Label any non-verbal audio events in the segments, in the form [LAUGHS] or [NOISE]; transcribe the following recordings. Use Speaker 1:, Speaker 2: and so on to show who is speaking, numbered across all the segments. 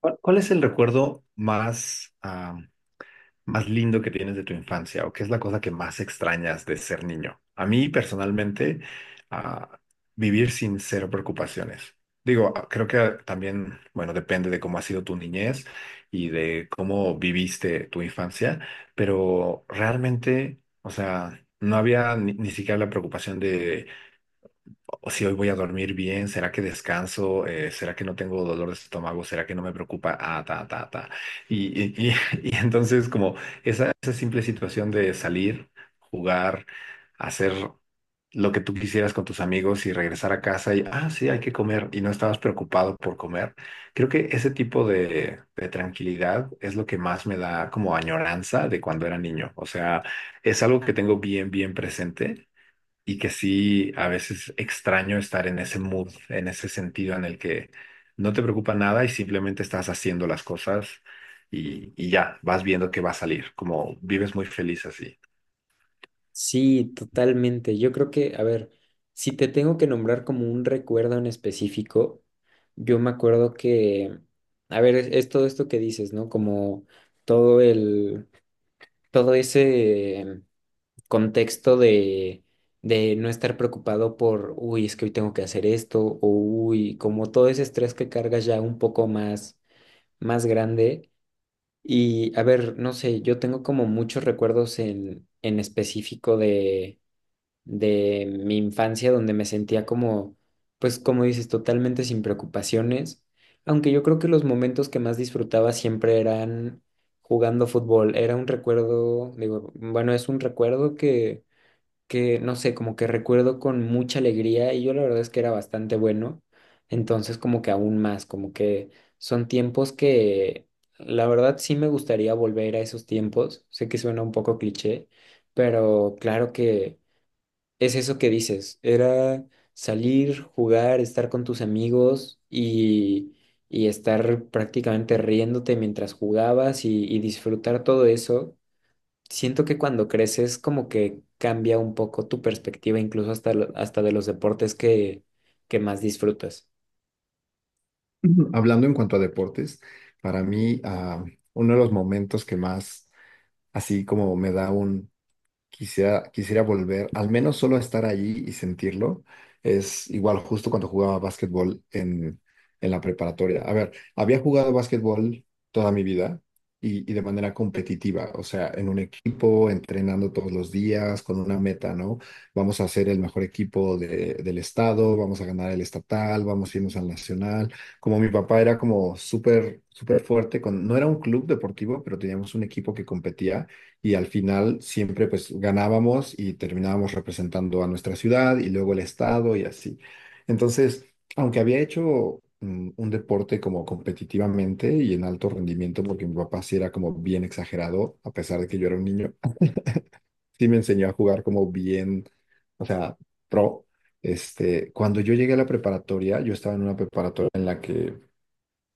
Speaker 1: ¿Cuál es el recuerdo más, más lindo que tienes de tu infancia o qué es la cosa que más extrañas de ser niño? A mí personalmente, ah, vivir sin cero preocupaciones. Digo, creo que también, bueno, depende de cómo ha sido tu niñez y de cómo viviste tu infancia, pero realmente, o sea, no había ni siquiera la preocupación de o si hoy voy a dormir bien, ¿será que descanso? ¿Será que no tengo dolor de estómago? ¿Será que no me preocupa? Ah, ta, ta, ta. Y, y, y- [LAUGHS] y entonces como esa simple situación de salir, jugar, hacer lo que tú quisieras con tus amigos y regresar a casa y, ah, sí, hay que comer y no estabas preocupado por comer. Creo que ese tipo de tranquilidad es lo que más me da como añoranza de cuando era niño. O sea, es algo que tengo bien, bien presente y que sí, a veces extraño estar en ese mood, en ese sentido en el que no te preocupa nada y simplemente estás haciendo las cosas y ya, vas viendo que va a salir, como vives muy feliz así.
Speaker 2: Sí, totalmente. Yo creo que, a ver, si te tengo que nombrar como un recuerdo en específico, yo me acuerdo que, a ver, es todo esto que dices, ¿no? Como todo el, todo ese contexto de no estar preocupado por, uy, es que hoy tengo que hacer esto, o uy, como todo ese estrés que cargas ya un poco más, más grande. Y, a ver, no sé, yo tengo como muchos recuerdos en específico de mi infancia donde me sentía como, pues como dices, totalmente sin preocupaciones, aunque yo creo que los momentos que más disfrutaba siempre eran jugando fútbol, era un recuerdo, digo, bueno, es un recuerdo que no sé, como que recuerdo con mucha alegría y yo la verdad es que era bastante bueno, entonces como que aún más, como que son tiempos que... La verdad sí me gustaría volver a esos tiempos, sé que suena un poco cliché, pero claro que, es eso que dices, era salir, jugar, estar con tus amigos y estar prácticamente riéndote mientras jugabas y disfrutar todo eso. Siento que cuando creces como que cambia un poco tu perspectiva, incluso hasta, hasta de los deportes que más disfrutas.
Speaker 1: Hablando en cuanto a deportes, para mí uno de los momentos que más así como me da un... Quisiera volver, al menos solo a estar allí y sentirlo. Es igual justo cuando jugaba básquetbol en la preparatoria. A ver, había jugado básquetbol toda mi vida y de manera competitiva, o sea, en un equipo, entrenando todos los días con una meta, ¿no? Vamos a ser el mejor equipo del estado, vamos a ganar el estatal, vamos a irnos al nacional. Como mi papá era como súper, súper fuerte, con, no era un club deportivo, pero teníamos un equipo que competía y al final siempre pues ganábamos y terminábamos representando a nuestra ciudad y luego el estado y así. Entonces, aunque había hecho un deporte como competitivamente y en alto rendimiento, porque mi papá sí era como bien exagerado, a pesar de que yo era un niño, [LAUGHS] sí me enseñó a jugar como bien, o sea, pro. Este, cuando yo llegué a la preparatoria, yo estaba en una preparatoria en la que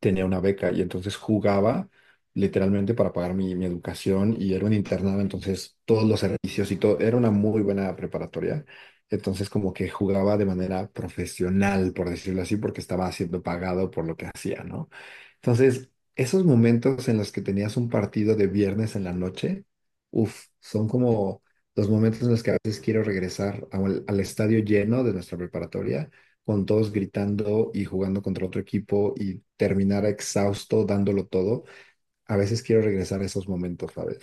Speaker 1: tenía una beca y entonces jugaba literalmente para pagar mi, mi educación y era un internado, entonces todos los servicios y todo, era una muy buena preparatoria, entonces como que jugaba de manera profesional, por decirlo así, porque estaba siendo pagado por lo que hacía, ¿no? Entonces, esos momentos en los que tenías un partido de viernes en la noche, uff, son como los momentos en los que a veces quiero regresar al estadio lleno de nuestra preparatoria con todos gritando y jugando contra otro equipo y terminar exhausto dándolo todo. A veces quiero regresar a esos momentos, ¿sabes?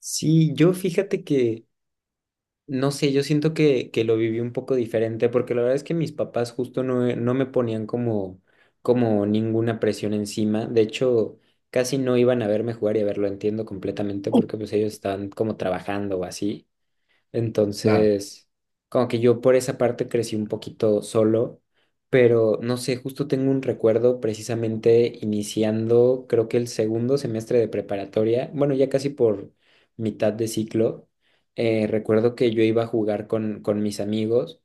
Speaker 2: Sí, yo fíjate que no sé, yo siento que lo viví un poco diferente porque la verdad es que mis papás justo no, no me ponían como, como ninguna presión encima. De hecho, casi no iban a verme jugar y a verlo, entiendo completamente porque pues ellos estaban como trabajando o así.
Speaker 1: Claro,
Speaker 2: Entonces, como que yo por esa parte crecí un poquito solo, pero no sé, justo tengo un recuerdo precisamente iniciando, creo que el segundo semestre de preparatoria, bueno, ya casi por mitad de ciclo, recuerdo que yo iba a jugar con mis amigos.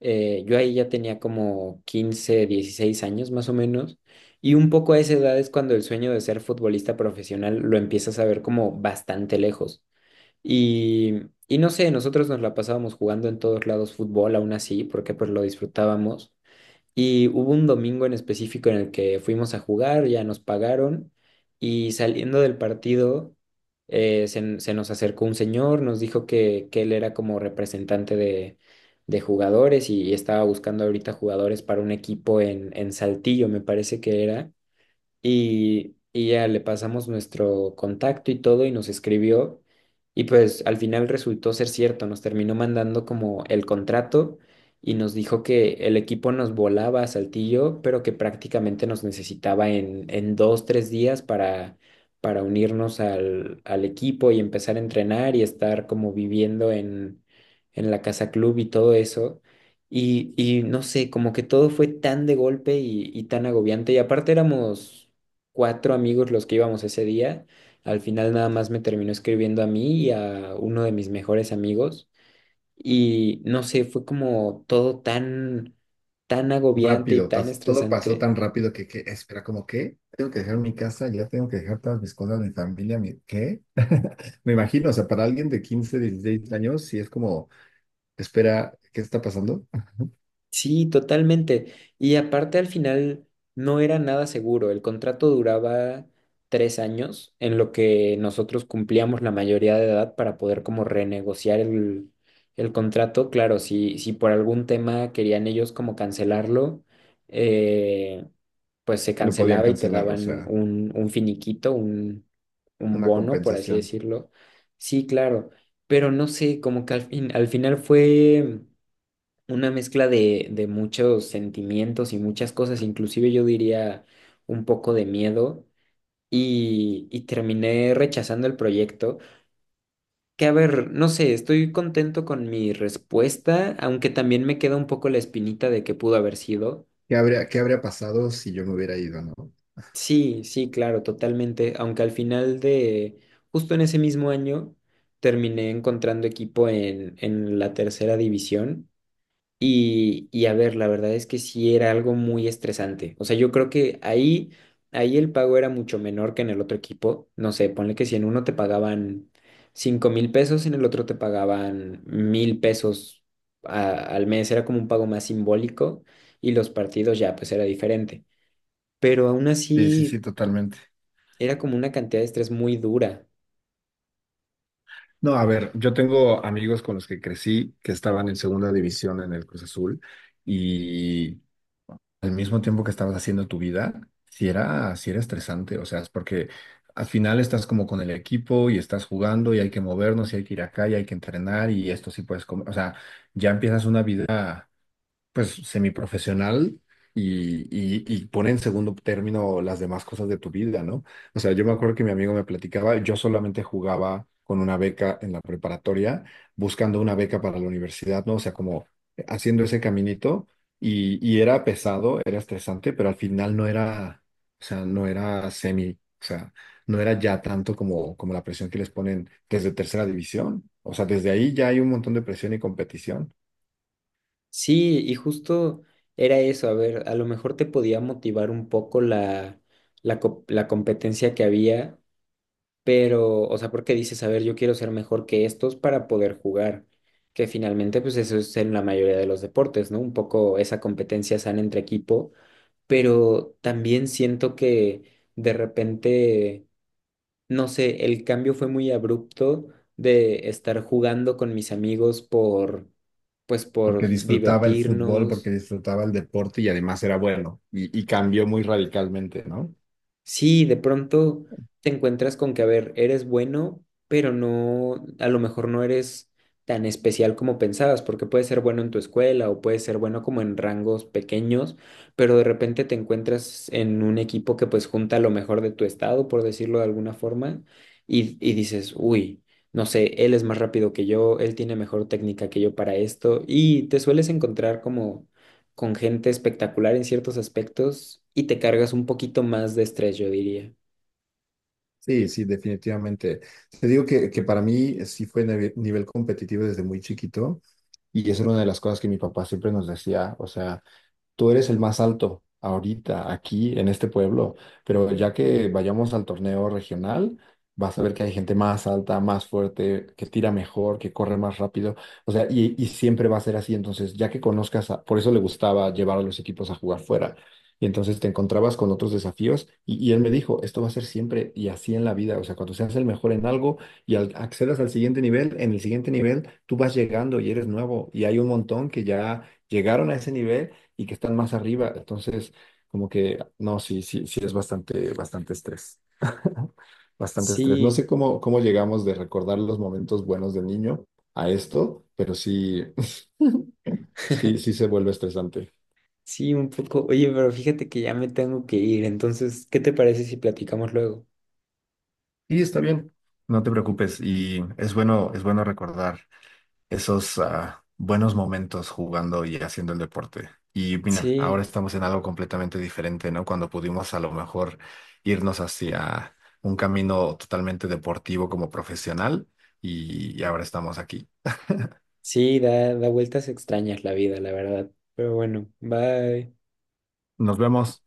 Speaker 2: Yo ahí ya tenía como 15, 16 años más o menos. Y un poco a esa edad es cuando el sueño de ser futbolista profesional lo empiezas a ver como bastante lejos. Y, y no sé, nosotros nos la pasábamos jugando en todos lados fútbol, aún así, porque pues lo disfrutábamos. Y hubo un domingo en específico en el que fuimos a jugar, ya nos pagaron y saliendo del partido se nos acercó un señor, nos dijo que él era como representante de jugadores y estaba buscando ahorita jugadores para un equipo en Saltillo, me parece que era y ya le pasamos nuestro contacto y todo y nos escribió y pues al final resultó ser cierto, nos terminó mandando como el contrato y nos dijo que el equipo nos volaba a Saltillo, pero que prácticamente nos necesitaba en 2, 3 días para unirnos al equipo y empezar a entrenar y estar como viviendo en la casa club y todo eso. Y no sé, como que todo fue tan de golpe y tan agobiante. Y aparte éramos cuatro amigos los que íbamos ese día. Al final nada más me terminó escribiendo a mí y a uno de mis mejores amigos. Y no sé, fue como todo tan, tan agobiante y
Speaker 1: rápido,
Speaker 2: tan
Speaker 1: todo pasó
Speaker 2: estresante.
Speaker 1: tan rápido que espera, como que tengo que dejar mi casa, ya tengo que dejar todas mis cosas, mi familia, mi, ¿qué? [LAUGHS] Me imagino, o sea, para alguien de 15 16 años, sí es como, espera, ¿qué está pasando? [LAUGHS]
Speaker 2: Sí, totalmente. Y aparte al final no era nada seguro. El contrato duraba 3 años en lo que nosotros cumplíamos la mayoría de edad para poder como renegociar el contrato. Claro, si por algún tema querían ellos como cancelarlo, eh, pues se
Speaker 1: No podían
Speaker 2: cancelaba y te
Speaker 1: cancelar, o
Speaker 2: daban
Speaker 1: sea,
Speaker 2: un finiquito, un
Speaker 1: una
Speaker 2: bono, por así
Speaker 1: compensación.
Speaker 2: decirlo. Sí, claro. Pero no sé, como que al fin, al final fue una mezcla de muchos sentimientos y muchas cosas, inclusive yo diría un poco de miedo y terminé rechazando el proyecto, que a ver, no sé, estoy contento con mi respuesta, aunque también me queda un poco la espinita de que pudo haber sido.
Speaker 1: Qué habría pasado si yo me hubiera ido, no?
Speaker 2: Sí, sí, claro, totalmente, aunque al final de, justo en ese mismo año, terminé encontrando equipo en la tercera división. Y a ver, la verdad es que sí era algo muy estresante. O sea, yo creo que ahí, ahí el pago era mucho menor que en el otro equipo. No sé, ponle que si en uno te pagaban 5000 pesos, en el otro te pagaban 1000 pesos al mes. Era como un pago más simbólico y los partidos ya, pues era diferente. Pero aún
Speaker 1: Sí, sí, sí,
Speaker 2: así
Speaker 1: totalmente.
Speaker 2: era como una cantidad de estrés muy dura.
Speaker 1: No, a ver, yo tengo amigos con los que crecí que estaban en segunda división en el Cruz Azul y al mismo tiempo que estabas haciendo tu vida, si era, sí era estresante, o sea, es porque al final estás como con el equipo y estás jugando y hay que movernos y hay que ir acá y hay que entrenar y esto sí puedes comer, o sea, ya empiezas una vida pues semiprofesional y, y pone en segundo término las demás cosas de tu vida, ¿no? O sea, yo me acuerdo que mi amigo me platicaba, yo solamente jugaba con una beca en la preparatoria, buscando una beca para la universidad, ¿no? O sea, como haciendo ese caminito y era pesado, era estresante, pero al final no era, o sea, no era semi, o sea, no era ya tanto como, como la presión que les ponen desde tercera división. O sea, desde ahí ya hay un montón de presión y competición.
Speaker 2: Sí, y justo era eso, a ver, a lo mejor te podía motivar un poco la competencia que había, pero, o sea, porque dices, a ver, yo quiero ser mejor que estos para poder jugar, que finalmente, pues eso es en la mayoría de los deportes, ¿no? Un poco esa competencia sana entre equipo, pero también siento que de repente, no sé, el cambio fue muy abrupto de estar jugando con mis amigos por, pues por
Speaker 1: Porque disfrutaba el fútbol, porque
Speaker 2: divertirnos.
Speaker 1: disfrutaba el deporte y además era bueno y cambió muy radicalmente, ¿no?
Speaker 2: Sí, de pronto te encuentras con que, a ver, eres bueno, pero no, a lo mejor no eres tan especial como pensabas, porque puedes ser bueno en tu escuela o puedes ser bueno como en rangos pequeños, pero de repente te encuentras en un equipo que pues junta lo mejor de tu estado, por decirlo de alguna forma, y dices, uy, no sé, él es más rápido que yo, él tiene mejor técnica que yo para esto, y te sueles encontrar como con gente espectacular en ciertos aspectos y te cargas un poquito más de estrés, yo diría.
Speaker 1: Sí, sí, definitivamente. Te digo que para mí sí fue nivel competitivo desde muy chiquito y eso era una de las cosas que mi papá siempre nos decía, o sea... Tú eres el más alto ahorita, aquí, en este pueblo, pero ya que vayamos al torneo regional, vas a ver que hay gente más alta, más fuerte, que tira mejor, que corre más rápido, o sea, y siempre va a ser así, entonces, ya que conozcas, por eso le gustaba llevar a los equipos a jugar fuera, y entonces te encontrabas con otros desafíos, y él me dijo, esto va a ser siempre y así en la vida, o sea, cuando seas el mejor en algo y accedas al siguiente nivel, en el siguiente nivel tú vas llegando y eres nuevo, y hay un montón que ya llegaron a ese nivel y que están más arriba. Entonces, como que, no, sí, sí, sí es bastante, bastante estrés. [LAUGHS] Bastante estrés. No
Speaker 2: Sí,
Speaker 1: sé cómo llegamos de recordar los momentos buenos de niño a esto, pero sí, [LAUGHS] sí, sí
Speaker 2: [LAUGHS]
Speaker 1: se vuelve estresante.
Speaker 2: sí, un poco. Oye, pero fíjate que ya me tengo que ir, entonces, ¿qué te parece si platicamos luego?
Speaker 1: Y está bien, no te preocupes. Y es bueno recordar esos buenos momentos jugando y haciendo el deporte. Y mira, ahora
Speaker 2: Sí,
Speaker 1: estamos en algo completamente diferente, ¿no? Cuando pudimos a lo mejor irnos hacia un camino totalmente deportivo como profesional y ahora estamos aquí.
Speaker 2: sí, da, da vueltas extrañas la vida, la verdad. Pero bueno, bye.
Speaker 1: Nos vemos.